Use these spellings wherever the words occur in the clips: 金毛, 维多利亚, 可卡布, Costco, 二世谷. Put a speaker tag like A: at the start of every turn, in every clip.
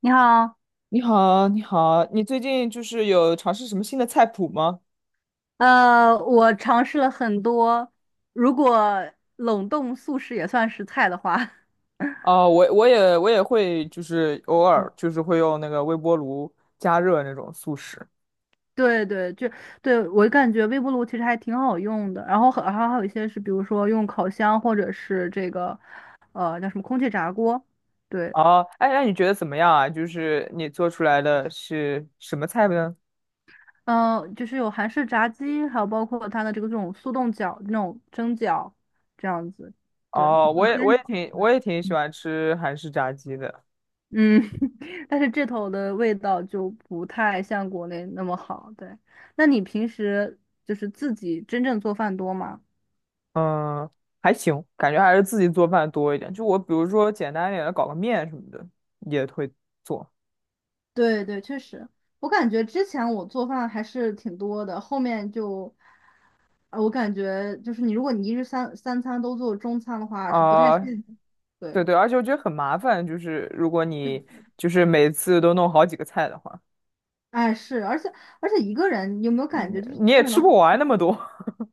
A: 你好，
B: 你好，你好，你最近有尝试什么新的菜谱吗？
A: 我尝试了很多，如果冷冻素食也算是菜的话，
B: 哦，我也会，就是偶尔
A: 嗯
B: 就是会用那个微波炉加热那种速食。
A: 对对，就对我感觉微波炉其实还挺好用的，然后还有一些是，比如说用烤箱或者是这个，叫什么空气炸锅，对，
B: 哦，哎，那你觉得怎么样啊？就是你做出来的是什么菜呢？
A: 就是有韩式炸鸡，还有包括它的这个这种速冻饺、那种蒸饺这样子，对，
B: 哦，我
A: 有
B: 也
A: 煎
B: 我也
A: 饺，
B: 挺我
A: 嗯
B: 也挺喜欢吃韩式炸鸡的。
A: 嗯，但是这头的味道就不太像国内那么好。对，那你平时就是自己真正做饭多吗？
B: 嗯，还行，感觉还是自己做饭多一点。就我比如说简单一点的搞个面什么的也会做。
A: 对对，确实，我感觉之前我做饭还是挺多的，后面就，我感觉就是你，如果你一日三餐都做中餐的话，是不太
B: 啊、
A: 现，
B: 对
A: 对，
B: 对，而且我觉得很麻烦，就是如果你就是每次都弄好几个菜的话，
A: 哎是，而且一个人，你有没有感
B: 你
A: 觉，就是
B: 你
A: 一个
B: 也
A: 人的
B: 吃
A: 话，
B: 不完那么多。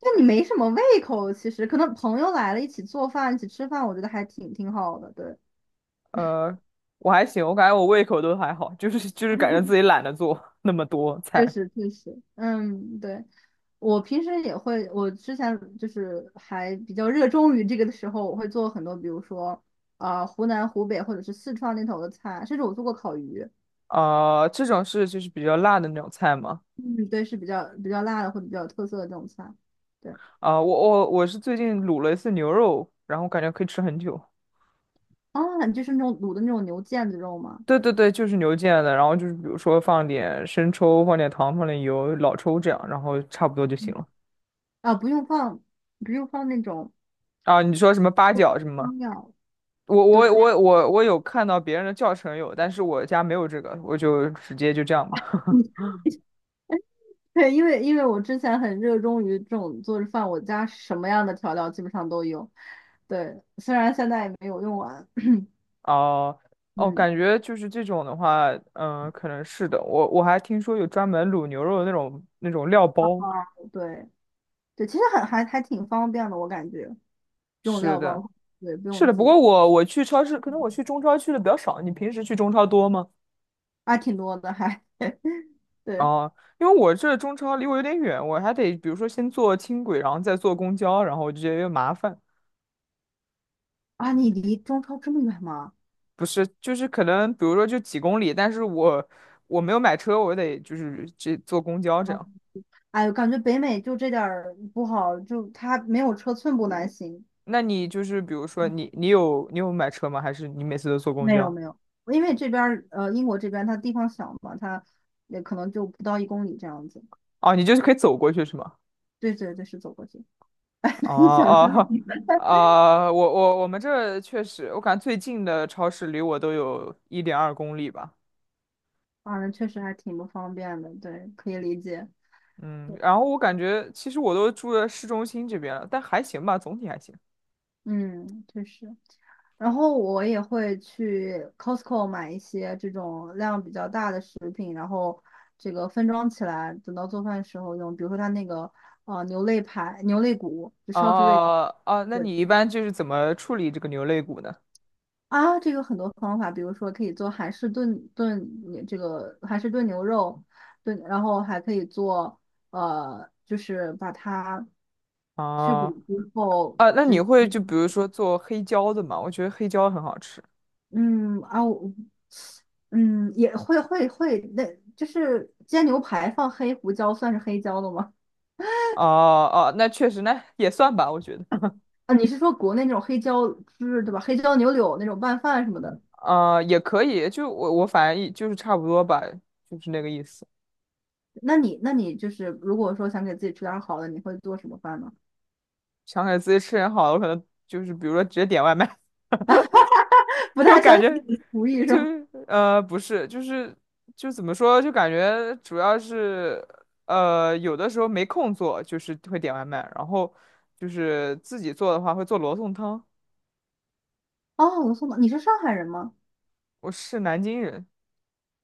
A: 就你没什么胃口，其实可能朋友来了一起做饭，一起吃饭，我觉得还挺好的，对。
B: 呃，我还行，我感觉我胃口都还好，就是感觉自己懒得做那么多
A: 确
B: 菜。
A: 实，确实，嗯，对，我平时也会，我之前就是还比较热衷于这个的时候，我会做很多，比如说，湖南、湖北或者是四川那头的菜，甚至我做过烤鱼，
B: 呃，这种是就是比较辣的那种菜嘛。
A: 嗯，对，是比较辣的或者比较有特色的这种菜，对，
B: 我是最近卤了一次牛肉，然后感觉可以吃很久。
A: 啊，你就是那种卤的那种牛腱子肉吗？
B: 对对对，就是牛腱的，然后就是比如说放点生抽，放点糖，放点油，老抽这样，然后差不多就行
A: 嗯
B: 了。
A: 啊，不用放，不用放那种
B: 啊，你说什么八角什么吗？
A: 汤料，
B: 我
A: 对，
B: 我我我我有看到别人的教程有，但是我家没有这个，我就直接就这样吧。
A: 对，因为我之前很热衷于这种做着饭，我家什么样的调料基本上都有。对，虽然现在也没有用完，
B: 哦哦，
A: 嗯，
B: 感觉就是这种的话，嗯，可能是的。我我还听说有专门卤牛肉的那种料包。
A: 对对，其实很还挺方便的，我感觉这种
B: 是
A: 料
B: 的，
A: 包，对，不
B: 是
A: 用
B: 的。不
A: 记，
B: 过我去超市，可能我
A: 嗯
B: 去中超去的比较少。你平时去中超多吗？
A: 啊，挺多的还 对
B: 哦，因为我这中超离我有点远，我还得比如说先坐轻轨，然后再坐公交，然后我就觉得有点麻烦。
A: 啊，你离中超这么远吗？
B: 不是，就是可能比如说就几公里，但是我我没有买车，我得就是这坐公交这样。
A: 哎呦，感觉北美就这点儿不好，就它没有车寸步难行。
B: 那你就是比如说你有买车吗？还是你每次都坐公
A: 没有
B: 交？
A: 没有，因为这边儿英国这边它地方小嘛，它也可能就不到一公里这样子。
B: 哦，你就是可以走过去是吗？
A: 对对对，是走过去。
B: 哦
A: 一想就是
B: 哦
A: 你们，
B: 我们这儿确实，我感觉最近的超市离我都有1.2公里吧。
A: 啊，那确实还挺不方便的，对，可以理解。
B: 嗯，然后我感觉其实我都住在市中心这边了，但还行吧，总体还行。
A: 嗯，确实。然后我也会去 Costco 买一些这种量比较大的食品，然后这个分装起来，等到做饭时候用。比如说它那个牛肋排、牛肋骨，就烧猪肋，
B: 哦哦，那
A: 对，
B: 你一般就是怎么处理这个牛肋骨呢？
A: 啊，这个很多方法，比如说可以做韩式炖这个韩式炖牛肉，炖，然后还可以做就是把它去骨
B: 哦
A: 之后
B: 那你
A: 只
B: 会就比如说做黑椒的吗？我觉得黑椒很好吃。
A: 嗯啊，我嗯也会，那就是煎牛排放黑胡椒算是黑椒的吗？
B: 哦哦，那确实，那也算吧，我觉得，
A: 啊，你是说国内那种黑椒汁对吧？黑椒牛柳那种拌饭什么的？
B: 啊，也可以。就我我反正一就是差不多吧，就是那个意思。
A: 那你就是如果说想给自己吃点儿好的，你会做什么饭呢？
B: 想给自己吃点好的，我可能就是比如说直接点外卖。
A: 不
B: 就
A: 太相
B: 感
A: 信
B: 觉
A: 你的厨艺是
B: 就
A: 吧？
B: 是呃不是，就是就怎么说，就感觉主要是有的时候没空做，就是会点外卖，然后就是自己做的话会做罗宋汤。
A: 哦，罗宋汤，你是上海人吗？
B: 我是南京人。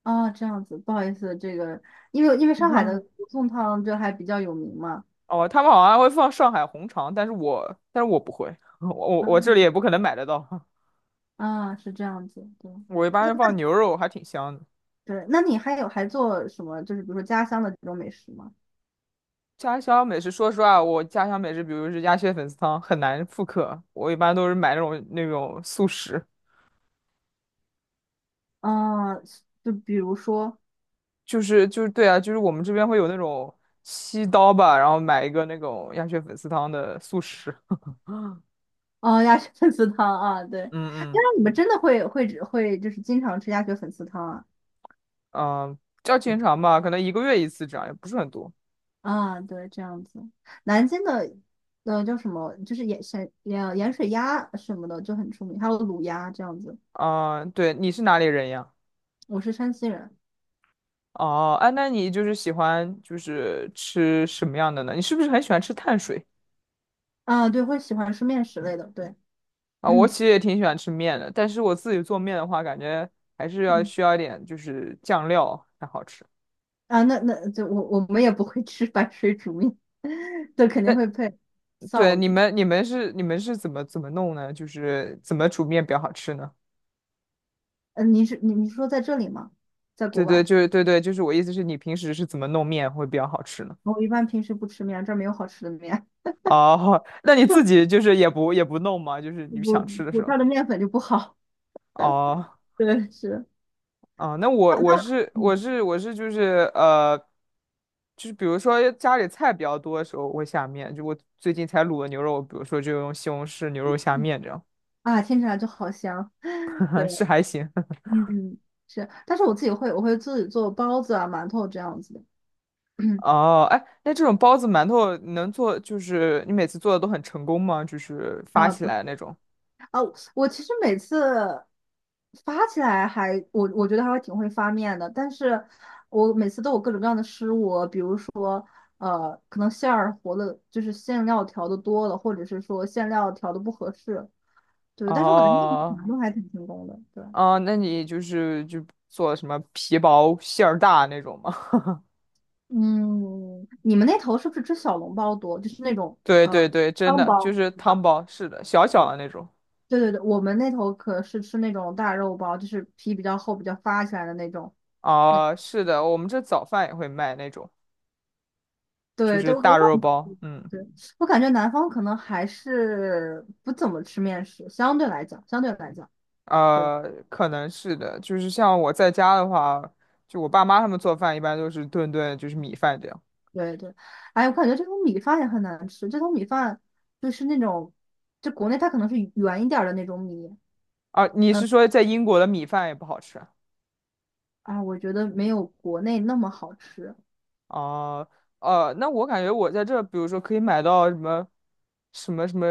A: 啊、这样子，不好意思，这个因为上海的 罗宋汤就还比较有名嘛。
B: 哦，他们好像会放上海红肠，但是我不会，我我
A: 啊
B: 我这里也不可能买得到。
A: 啊，是这样子，对
B: 我一般是放牛肉，还挺香的。
A: 对。那你还有还做什么？就是比如说家乡的这种美食吗？
B: 家乡美食，说实话，我家乡美食，比如是鸭血粉丝汤，很难复刻。我一般都是买那种速食，
A: 啊，就比如说
B: 对啊，就是我们这边会有那种七刀吧，然后买一个那种鸭血粉丝汤的速食。嗯
A: 哦，鸭血粉丝汤啊，对。哎，
B: 嗯
A: 那你们真的会就是经常吃鸭血粉丝汤啊？
B: 嗯，叫经常吧，可能一个月一次这样，也不是很多。
A: 啊，对，这样子。南京的，叫什么，就是盐山盐盐水鸭什么的就很出名，还有卤鸭这样子。
B: 嗯，对，你是哪里人呀？
A: 我是山西人，
B: 哦，哎，那你就是喜欢就是吃什么样的呢？你是不是很喜欢吃碳水
A: 啊，对，会喜欢吃面食类的，对，
B: 啊？我
A: 嗯，
B: 其实也挺喜欢吃面的，但是我自己做面的话，感觉还是要需要一点就是酱料才好吃。
A: 啊，那那就我们也不会吃白水煮面，对，肯定
B: 那
A: 会配
B: 对
A: 臊
B: 你
A: 子。
B: 们你们是你们是怎么怎么弄呢？就是怎么煮面比较好吃呢？
A: 你是你说在这里吗？在国外，
B: 就是我意思是你平时是怎么弄面会比较好吃呢？
A: 我一般平时不吃面，这儿没有好吃的面，
B: 哦，那你自己就是也不弄吗？就是你
A: 我
B: 想吃的
A: 我
B: 时
A: 这
B: 候。
A: 儿的面粉就不好，
B: 哦
A: 对，是，
B: 那 我
A: 它
B: 我
A: 它
B: 是
A: 嗯
B: 我是我是就是，就是比如说家里菜比较多的时候，我会下面。就我最近才卤的牛肉，比如说就用西红柿牛肉下面这样。
A: 啊，听起来就好香。对。
B: 是还行。
A: 嗯，是，但是我自己会，我会自己做包子啊、馒头这样子的。
B: 哦，哎，那这种包子、馒头能做，就是你每次做的都很成功吗？就是发
A: 啊，
B: 起
A: 不是
B: 来那种。
A: 啊，我其实每次发起来还，我觉得还会挺会发面的，但是我每次都有各种各样的失误，比如说，可能馅儿和的，就是馅料调的多了，或者是说馅料调的不合适，对，但是我感觉面
B: 哦，
A: 条都还挺成功的，对，
B: 哦，那你就是就做什么皮薄馅儿大那种吗？
A: 嗯，你们那头是不是吃小笼包多，就是那种
B: 对对对，真
A: 汤
B: 的就
A: 包，
B: 是
A: 对
B: 汤
A: 吧？
B: 包，是的，小小的那种。
A: 对对对，我们那头可是吃那种大肉包，就是皮比较厚、比较发起来的那种。那
B: 啊，是的，我们这早饭也会卖那种，就
A: 对对，
B: 是
A: 我
B: 大
A: 我感
B: 肉
A: 觉
B: 包。嗯，
A: 对我感觉南方可能还是不怎么吃面食，相对来讲，对
B: 呃，可能是的，就是像我在家的话，就我爸妈他们做饭一般都是顿顿就是米饭这样。
A: 对对。哎，我感觉这种米饭也很难吃，这种米饭就是那种，就国内它可能是圆一点儿的那种米，
B: 啊，你是
A: 嗯
B: 说在英国的米饭也不好吃啊？
A: 啊，我觉得没有国内那么好吃。
B: 哦，呃，那我感觉我在这，比如说可以买到什么，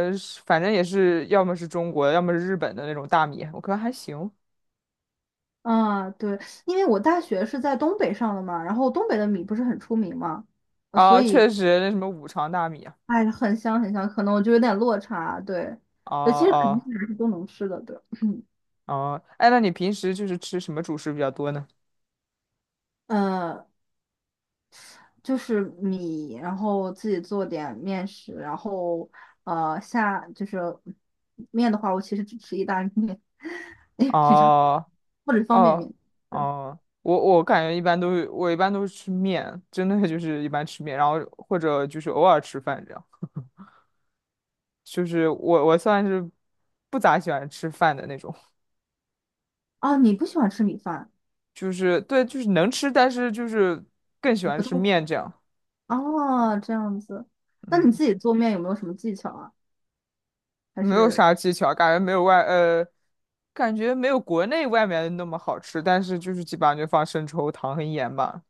B: 反正也是要么是中国的，要么是日本的那种大米，我觉得还行。
A: 啊，对，因为我大学是在东北上的嘛，然后东北的米不是很出名嘛，所
B: 啊，
A: 以
B: 确实那什么五常大米啊，
A: 哎，很香，可能我就有点落差，对，
B: 哦
A: 其
B: 哦、
A: 实肯定
B: 啊
A: 是都能吃的，对，
B: 哦，哎，那你平时就是吃什么主食比较多呢？
A: 呃，就是米，然后自己做点面食，然后呃下就是面的话，我其实只吃意大利面，哎，比较
B: 哦
A: 或者方便
B: 哦
A: 面，对，
B: 哦，我一般都是吃面，真的就是一般吃面，然后或者就是偶尔吃饭这样。就是我我算是不咋喜欢吃饭的那种，
A: 啊，你不喜欢吃米饭，
B: 就是对，就是能吃，但是就是更喜
A: 不
B: 欢
A: 太
B: 吃面这样。
A: 哦，这样子，那
B: 嗯，
A: 你自己做面有没有什么技巧啊？还
B: 没有
A: 是
B: 啥技巧，感觉没有感觉没有国内外面那么好吃，但是就是基本上就放生抽、糖和盐吧。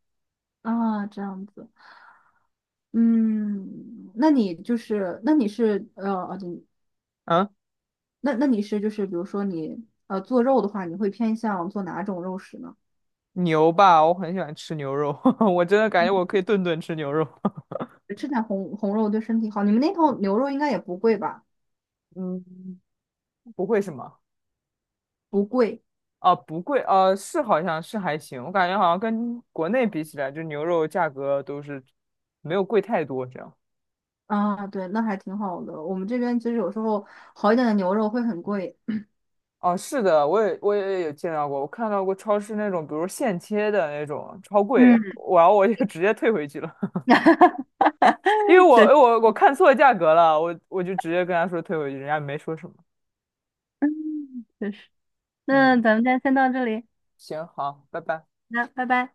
A: 啊，这样子。嗯，那你就是，那你是哦对
B: 嗯
A: 那那你是就是比如说你做肉的话，你会偏向做哪种肉食呢？
B: 牛吧，我很喜欢吃牛肉。我真的感觉我可以顿顿吃牛肉。
A: 吃点红肉对身体好。你们那头牛肉应该也不贵吧？
B: 嗯，不会什么？
A: 不贵
B: 啊，不贵，呃，是好像是还行，我感觉好像跟国内比起来，就牛肉价格都是没有贵太多这样。
A: 啊，对，那还挺好的。我们这边其实有时候好一点的牛肉会很贵。
B: 哦，是的，我也有见到过，我看到过超市那种，比如现切的那种，超贵，
A: 嗯，
B: 然后我就 直接退回去了，因为
A: 确
B: 我
A: 实
B: 我我看错价格了，我就直接跟他说退回去，人家没说什么。
A: 确实。那
B: 嗯，
A: 咱们今天先到这里，
B: 行，好，拜拜。
A: 那拜拜。